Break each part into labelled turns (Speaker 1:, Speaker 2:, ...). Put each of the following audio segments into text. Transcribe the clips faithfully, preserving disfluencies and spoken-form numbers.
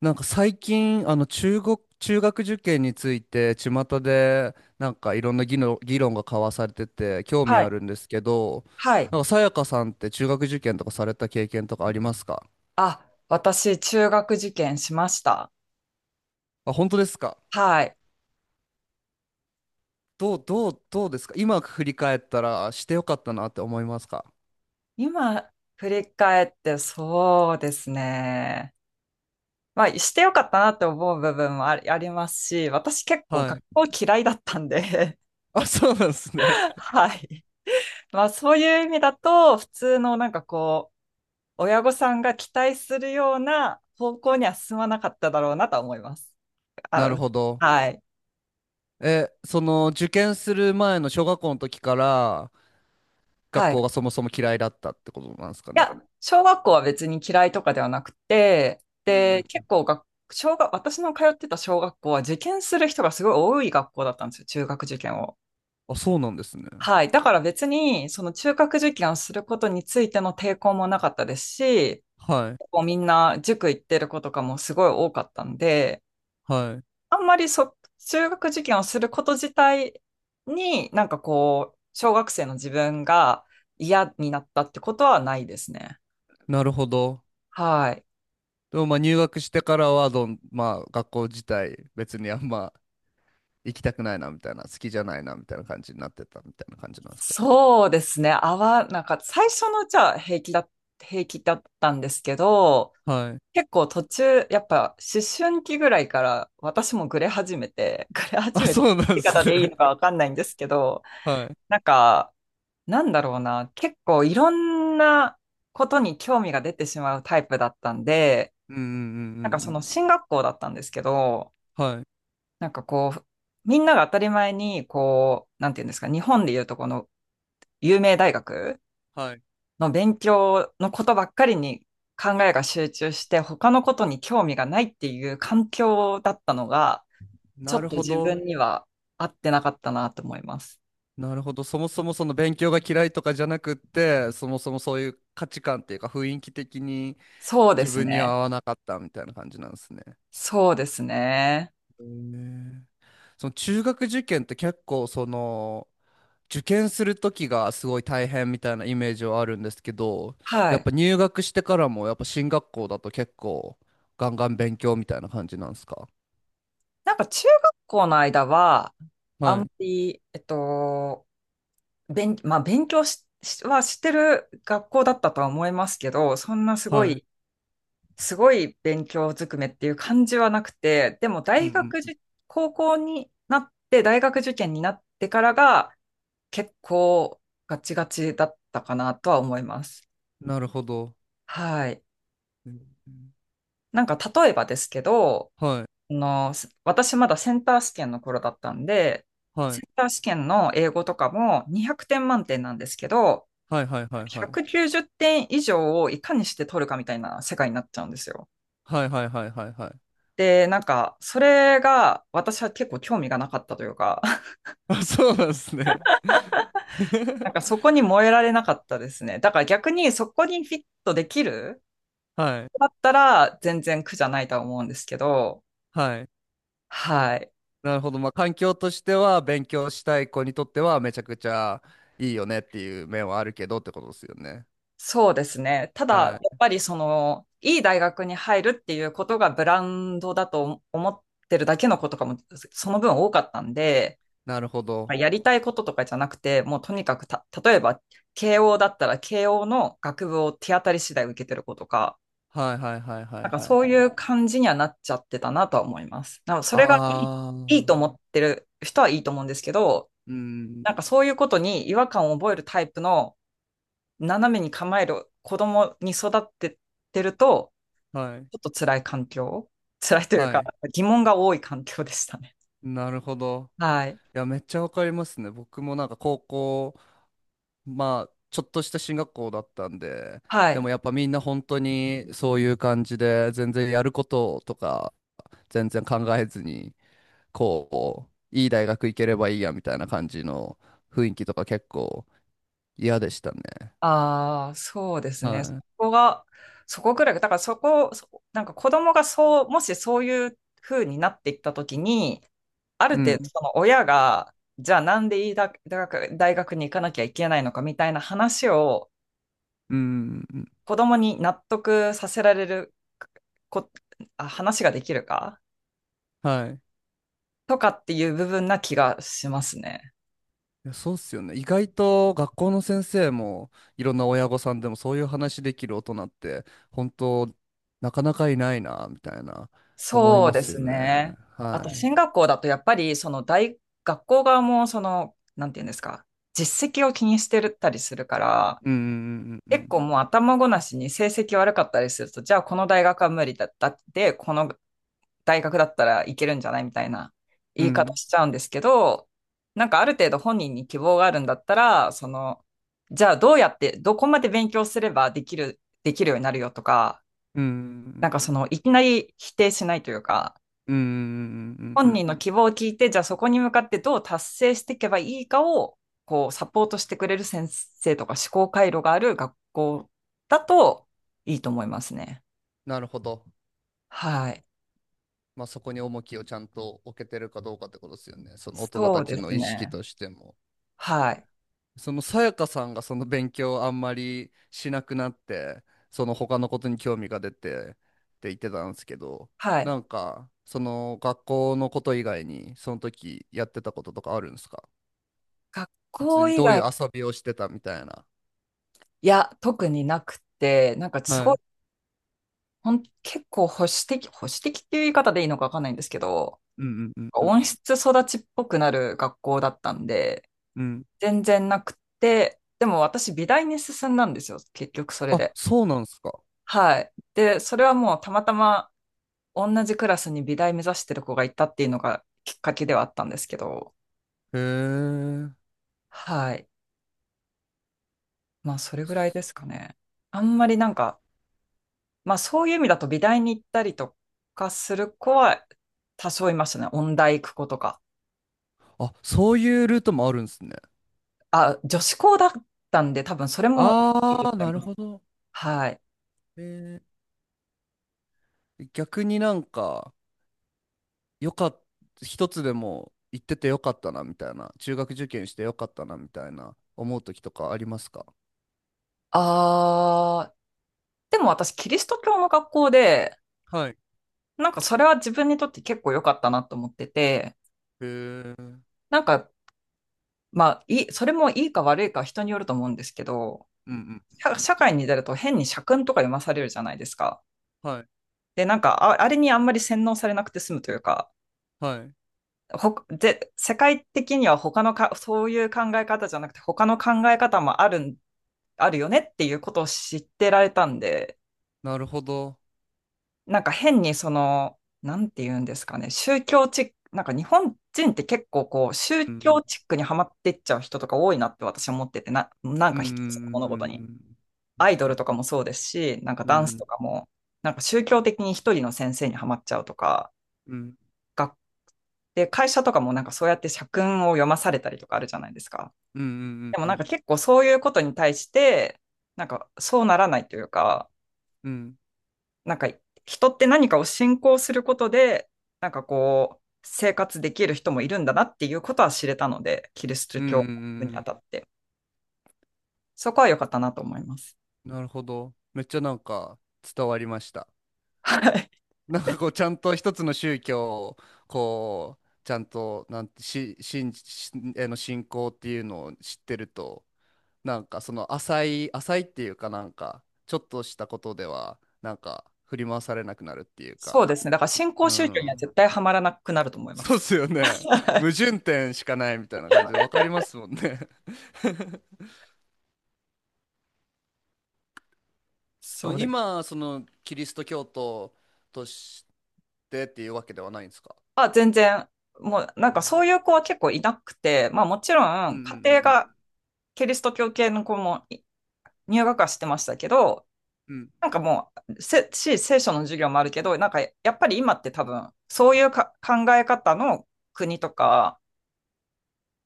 Speaker 1: なんか最近、あの中国、中学受験について、巷でなんかいろんな議論、議論が交わされてて、興味
Speaker 2: は
Speaker 1: あ
Speaker 2: い。
Speaker 1: るんですけど、
Speaker 2: はい。
Speaker 1: なんかさやかさんって中学受験とかされた経験とかありますか？
Speaker 2: あ、私、中学受験しました。
Speaker 1: あ、本当ですか？
Speaker 2: はい。
Speaker 1: どう、どう、どうですか今振り返ったらしてよかったなって思いますか？
Speaker 2: 今、振り返って、そうですね。まあ、してよかったなって思う部分もあり、ありますし、私結構
Speaker 1: は
Speaker 2: 学
Speaker 1: い。
Speaker 2: 校嫌いだったんで。
Speaker 1: あ、そうなんですね。
Speaker 2: はい。まあ、そういう意味だと、普通のなんかこう、親御さんが期待するような方向には進まなかっただろうなとは思います。
Speaker 1: なる
Speaker 2: あ、
Speaker 1: ほど。
Speaker 2: はい。
Speaker 1: え、その受験する前の小学校の時から学
Speaker 2: は
Speaker 1: 校
Speaker 2: い。
Speaker 1: がそもそも嫌いだったってことなんですかね。
Speaker 2: や、小学校は別に嫌いとかではなくて、
Speaker 1: う
Speaker 2: で、
Speaker 1: んう
Speaker 2: 結
Speaker 1: ん。
Speaker 2: 構学小学、私の通ってた小学校は受験する人がすごい多い学校だったんですよ、中学受験を。
Speaker 1: あ、そうなんですね。
Speaker 2: はい。だから別に、その中学受験をすることについての抵抗もなかったですし、
Speaker 1: はい。
Speaker 2: 結構みんな塾行ってる子とかもすごい多かったんで、
Speaker 1: はい。
Speaker 2: あんまりそ、中学受験をすること自体になんかこう、小学生の自分が嫌になったってことはないですね。
Speaker 1: なるほど。
Speaker 2: はい。
Speaker 1: でもまあ入学してからはどん、まあ学校自体別にあんま行きたくないなみたいな、好きじゃないなみたいな感じになってたみたいな感じなんですかね。
Speaker 2: そうですね。合なんか最初のうちは平気だ、平気だったんですけど、
Speaker 1: はい。
Speaker 2: 結構途中、やっぱ思春期ぐらいから私もグレ始めて、グレ 始
Speaker 1: あ、
Speaker 2: めて、
Speaker 1: そうなんで
Speaker 2: 言い方
Speaker 1: す
Speaker 2: でいい
Speaker 1: ね。
Speaker 2: のかわかんないんですけど、
Speaker 1: はい。
Speaker 2: なんか、なんだろうな、結構いろんなことに興味が出てしまうタイプだったんで、
Speaker 1: うんうん
Speaker 2: なんか
Speaker 1: う
Speaker 2: その進
Speaker 1: ん
Speaker 2: 学校だったんですけど、
Speaker 1: うんうん。はい。
Speaker 2: なんかこう、みんなが当たり前に、こう、なんていうんですか、日本でいうとこの有名大学、
Speaker 1: はい。
Speaker 2: の勉強のことばっかりに考えが集中して、他のことに興味がないっていう環境だったのが、ちょ
Speaker 1: な
Speaker 2: っ
Speaker 1: る
Speaker 2: と
Speaker 1: ほ
Speaker 2: 自
Speaker 1: ど。
Speaker 2: 分には合ってなかったなと思います。
Speaker 1: なるほど。そもそもその勉強が嫌いとかじゃなくって、そもそもそういう価値観っていうか雰囲気的に
Speaker 2: そうで
Speaker 1: 自
Speaker 2: す
Speaker 1: 分には合
Speaker 2: ね。
Speaker 1: わなかったみたいな感じなんですね。
Speaker 2: そうですね。
Speaker 1: へえ。その中学受験って結構その、受験する時がすごい大変みたいなイメージはあるんですけど、
Speaker 2: は
Speaker 1: やっ
Speaker 2: い。
Speaker 1: ぱ入学してからもやっぱ進学校だと結構ガンガン勉強みたいな感じなんですか？
Speaker 2: なんか中学校の間は、あん
Speaker 1: は
Speaker 2: ま
Speaker 1: い、
Speaker 2: り、えっと、勉、まあ勉強し、しはしてる学校だったとは思いますけど、そんなすご
Speaker 1: はい。
Speaker 2: いすごい勉強ずくめっていう感じはなくて、でも
Speaker 1: う
Speaker 2: 大
Speaker 1: ん
Speaker 2: 学
Speaker 1: う
Speaker 2: 受、
Speaker 1: ん。
Speaker 2: 高校になって、大学受験になってからが結構ガチガチだったかなとは思います。
Speaker 1: なるほど。
Speaker 2: はい。
Speaker 1: うん。
Speaker 2: なんか例えばですけど、
Speaker 1: はい、
Speaker 2: あの、す私まだセンター試験の頃だったんで、
Speaker 1: は
Speaker 2: セ
Speaker 1: い、
Speaker 2: ンター試験の英語とかもにひゃくてん満点なんですけど、
Speaker 1: はいはいはいはい。
Speaker 2: ひゃくきゅうじゅってん以上をいかにして取るかみたいな世界になっちゃうんですよ。
Speaker 1: はいはいはいはいはい。
Speaker 2: で、なんか、それが私は結構興味がなかったというか、
Speaker 1: あ、そうなんですね。
Speaker 2: な んかそこに燃えられなかったですね。だから逆にそこにフィットできる
Speaker 1: は
Speaker 2: だ
Speaker 1: い、
Speaker 2: ったら全然苦じゃないとは思うんですけど、
Speaker 1: はい。
Speaker 2: はい。
Speaker 1: なるほど。まあ環境としては勉強したい子にとってはめちゃくちゃいいよねっていう面はあるけどってことですよね。
Speaker 2: そうですね。ただ、やっ
Speaker 1: はい。
Speaker 2: ぱりその、いい大学に入るっていうことがブランドだと思ってるだけのことかも、その分多かったんで、
Speaker 1: なるほ
Speaker 2: ま
Speaker 1: ど。
Speaker 2: あやりたいこととかじゃなくて、もうとにかくた、例えば、慶応だったら慶応の学部を手当たり次第受けてる子とか、
Speaker 1: はいはいはいは
Speaker 2: な
Speaker 1: い
Speaker 2: んか
Speaker 1: はい
Speaker 2: そう
Speaker 1: はい。
Speaker 2: いう感じにはなっちゃってたなとは思います。なんかそれがいい、
Speaker 1: あ
Speaker 2: いいと
Speaker 1: ー、
Speaker 2: 思ってる人はいいと思うんですけど、
Speaker 1: うん、
Speaker 2: なんかそういうことに違和感を覚えるタイプの斜めに構える子供に育ってってると、
Speaker 1: はい、
Speaker 2: ちょっと辛い環境、辛いという
Speaker 1: は
Speaker 2: か
Speaker 1: い。
Speaker 2: 疑問が多い環境でしたね。
Speaker 1: なるほど。
Speaker 2: はい。
Speaker 1: いや、めっちゃわかりますね。僕もなんか高校、まあ、ちょっとした進学校だったんで、
Speaker 2: は
Speaker 1: で
Speaker 2: い。
Speaker 1: もやっぱみんな本当にそういう感じで、全然やることとか、全然考えずに、こう、いい大学行ければいいやみたいな感じの雰囲気とか結構嫌でしたね。
Speaker 2: ああ、そうですね。そ
Speaker 1: は
Speaker 2: こが、そこぐらい、だからそこ、そなんか子供がそう、もしそういう風になっていったときに、あ
Speaker 1: い。
Speaker 2: る
Speaker 1: う
Speaker 2: 程度、
Speaker 1: ん、
Speaker 2: その親が、じゃあなんでいいだ大学、大学に行かなきゃいけないのかみたいな話を
Speaker 1: うん、うん。
Speaker 2: 子供に納得させられるこ、あ、話ができるか
Speaker 1: はい。
Speaker 2: とかっていう部分な気がしますね。
Speaker 1: いや、そうっすよね。意外と学校の先生もいろんな親御さんでもそういう話できる大人って本当なかなかいないなみたいな思い
Speaker 2: そう
Speaker 1: ま
Speaker 2: で
Speaker 1: すよ
Speaker 2: す
Speaker 1: ね。
Speaker 2: ね。あ
Speaker 1: は
Speaker 2: と、進
Speaker 1: い。
Speaker 2: 学校だとやっぱり、その大、学校側も、その、なんていうんですか、実績を気にしてたりするから、
Speaker 1: うんうんう
Speaker 2: 結
Speaker 1: ん
Speaker 2: 構もう頭ごなしに成績悪かったりすると、じゃあこの大学は無理だったって、この大学だったらいけるんじゃないみたいな
Speaker 1: う
Speaker 2: 言い方
Speaker 1: ん
Speaker 2: しちゃうんですけど、なんかある程度本人に希望があるんだったら、その、じゃあどうやって、どこまで勉強すればできる、できるようになるよとか、
Speaker 1: うんう
Speaker 2: なん
Speaker 1: ん
Speaker 2: かその、いきなり否定しないというか、
Speaker 1: うんうんうんうんうんうん
Speaker 2: 本
Speaker 1: うん。
Speaker 2: 人の希望を聞いて、じゃあそこに向かってどう達成していけばいいかを、こう、サポートしてくれる先生とか思考回路がある学校だといいと思いますね。
Speaker 1: なるほど。
Speaker 2: はい。
Speaker 1: まあそこに重きをちゃんと置けてるかどうかってことですよね。その大人
Speaker 2: そ
Speaker 1: た
Speaker 2: うで
Speaker 1: ちの
Speaker 2: す
Speaker 1: 意識
Speaker 2: ね。
Speaker 1: としても。
Speaker 2: はい。
Speaker 1: そのさやかさんがその勉強をあんまりしなくなって、その他のことに興味が出てって言ってたんですけど、
Speaker 2: はい。
Speaker 1: なんかその学校のこと以外にその時やってたこととかあるんですか？
Speaker 2: 学
Speaker 1: 普通
Speaker 2: 校
Speaker 1: に
Speaker 2: 以
Speaker 1: どうい
Speaker 2: 外、
Speaker 1: う遊びをしてたみたいな。
Speaker 2: いや、特になくて、なんかすご
Speaker 1: は
Speaker 2: い、
Speaker 1: い。
Speaker 2: ほん、結構保守的、保守的っていう言い方でいいのかわかんないんですけど、
Speaker 1: うんうんうんうん
Speaker 2: 温室育ちっぽくなる学校だったんで、
Speaker 1: うん。
Speaker 2: 全然なくて、でも私美大に進んだんですよ、結局それ
Speaker 1: あ、
Speaker 2: で。
Speaker 1: そうなんですか？
Speaker 2: はい。で、それはもうたまたま同じクラスに美大目指してる子がいたっていうのがきっかけではあったんですけど、
Speaker 1: へえ。
Speaker 2: はい。まあそれぐらいですかね。あんまりなんか、まあそういう意味だと美大に行ったりとかする子は多少いましたね。音大行く子とか。
Speaker 1: あ、そういうルートもあるんですね。
Speaker 2: あ、女子校だったんで多分それも、
Speaker 1: ああ、なるほど。
Speaker 2: はい。
Speaker 1: へえ。逆になんか、よかっ一つでも行っててよかったなみたいな、中学受験してよかったなみたいな思う時とかありますか？
Speaker 2: あー、でも私キリスト教の学校で、
Speaker 1: はい。へ
Speaker 2: なんかそれは自分にとって結構良かったなと思ってて、
Speaker 1: え。うん
Speaker 2: なんかまあいい、それもいいか悪いかは人によると思うんですけど、
Speaker 1: うん。
Speaker 2: 社社会に出ると変に社訓とか読まされるじゃないですか。
Speaker 1: はい。
Speaker 2: で、なんかあ、あれにあんまり洗脳されなくて済むというか、
Speaker 1: はい。
Speaker 2: ほで世界的には他のか、そういう考え方じゃなくて他の考え方もあるん、あるよねっていうことを知ってられたんで、
Speaker 1: なるほど。
Speaker 2: なんか変にその、なんて言うんですかね、宗教チック、なんか日本人って結構こう、宗
Speaker 1: うん。
Speaker 2: 教チックにはまってっちゃう人とか多いなって私は思ってて、な、なん
Speaker 1: うん
Speaker 2: か
Speaker 1: う
Speaker 2: 一つの物事
Speaker 1: んう
Speaker 2: に。
Speaker 1: んう
Speaker 2: ア
Speaker 1: ん
Speaker 2: イド
Speaker 1: う
Speaker 2: ルと
Speaker 1: ん
Speaker 2: かもそうですし、なんか
Speaker 1: う
Speaker 2: ダンスと
Speaker 1: ん
Speaker 2: かも、なんか宗教的に一人の先生にはまっちゃうとか、
Speaker 1: うん
Speaker 2: 学で、会社とかもなんかそうやって社訓を読まされたりとかあるじゃないですか。
Speaker 1: うんう
Speaker 2: で
Speaker 1: ん
Speaker 2: も
Speaker 1: う
Speaker 2: なんか
Speaker 1: ん
Speaker 2: 結構そういうことに対して、なんかそうならないというか、
Speaker 1: うんうん
Speaker 2: なんか人って何かを信仰することで、なんかこう、生活できる人もいるんだなっていうことは知れたので、キリスト
Speaker 1: うんうんうん
Speaker 2: 教
Speaker 1: うんう
Speaker 2: にあ
Speaker 1: ん。
Speaker 2: たって。そこは良かったなと思います。
Speaker 1: なるほど。めっちゃなんか伝わりました。
Speaker 2: はい。
Speaker 1: なんかこうちゃんと一つの宗教をこうちゃんとなんてし信じしへの信仰っていうのを知ってるとなんかその浅い浅いっていうかなんかちょっとしたことではなんか振り回されなくなるっていう
Speaker 2: そう
Speaker 1: か。
Speaker 2: ですね。だから新興
Speaker 1: う
Speaker 2: 宗教には
Speaker 1: ん。
Speaker 2: 絶対ハマらなくなると思いま
Speaker 1: そうっ
Speaker 2: す。
Speaker 1: すよね。矛盾点しかないみたいな感じで分かりますもんね。 そ
Speaker 2: そ
Speaker 1: の
Speaker 2: うです。
Speaker 1: 今そのキリスト教徒としてっていうわけではないんですか？
Speaker 2: まあ、全然、もうなん
Speaker 1: う
Speaker 2: か
Speaker 1: ん
Speaker 2: そういう子は結構いなくて、まあもちろ
Speaker 1: うん
Speaker 2: ん
Speaker 1: うんう
Speaker 2: 家庭
Speaker 1: ん
Speaker 2: がキリスト教系の子もい入学はしてましたけど、
Speaker 1: うんうん
Speaker 2: なんかもう、せし、聖書の授業もあるけど、なんかやっぱり今って多分、そういうか考え方の国とか、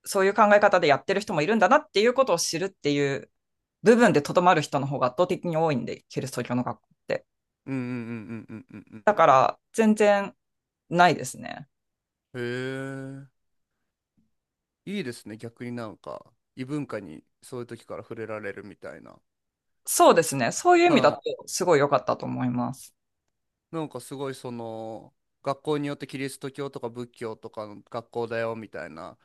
Speaker 2: そういう考え方でやってる人もいるんだなっていうことを知るっていう部分でとどまる人の方が圧倒的に多いんで、キリスト教の学校って。
Speaker 1: うんうんうんうんうんう
Speaker 2: だ
Speaker 1: ん
Speaker 2: から、全然ないですね。
Speaker 1: うん。へえ。いいですね。逆になんか、異文化にそういう時から触れられるみたいな。
Speaker 2: そうですね。そういう意味だ
Speaker 1: は
Speaker 2: と、すごい良かったと思います。
Speaker 1: い。なんかすごいその、学校によってキリスト教とか仏教とかの学校だよみたいな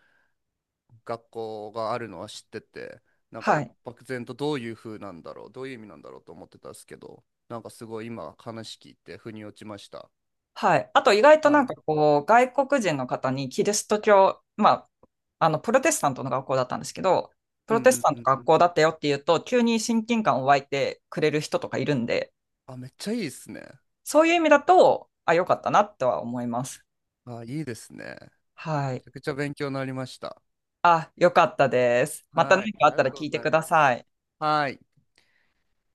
Speaker 1: 学校があるのは知ってて、なんか
Speaker 2: はい。
Speaker 1: 漠然とどういう風なんだろう、どういう意味なんだろうと思ってたんですけど、なんかすごい今話聞いて腑に落ちました。
Speaker 2: はい。あと意外とな
Speaker 1: は
Speaker 2: んか
Speaker 1: い。
Speaker 2: こう、外国人の方にキリスト教、まあ、あの、プロテスタントの学校だったんですけど、プ
Speaker 1: うん
Speaker 2: ロ
Speaker 1: う
Speaker 2: テス
Speaker 1: ん
Speaker 2: タン
Speaker 1: う
Speaker 2: ト
Speaker 1: ん
Speaker 2: の
Speaker 1: う
Speaker 2: 学
Speaker 1: ん。
Speaker 2: 校だったよっていうと、急に親近感を湧いてくれる人とかいるんで、
Speaker 1: あ、めっちゃいいですね。
Speaker 2: そういう意味だと、あ、よかったなとは思います。
Speaker 1: あ、いいですね。
Speaker 2: は
Speaker 1: め
Speaker 2: い。
Speaker 1: ちゃくちゃ勉強になりました。
Speaker 2: あ、よかったです。また
Speaker 1: はい、
Speaker 2: 何かあ
Speaker 1: あ
Speaker 2: っ
Speaker 1: り
Speaker 2: た
Speaker 1: が
Speaker 2: ら
Speaker 1: と
Speaker 2: 聞
Speaker 1: う
Speaker 2: い
Speaker 1: ご
Speaker 2: て
Speaker 1: ざい
Speaker 2: くだ
Speaker 1: ま
Speaker 2: さ
Speaker 1: す。
Speaker 2: い。
Speaker 1: はい。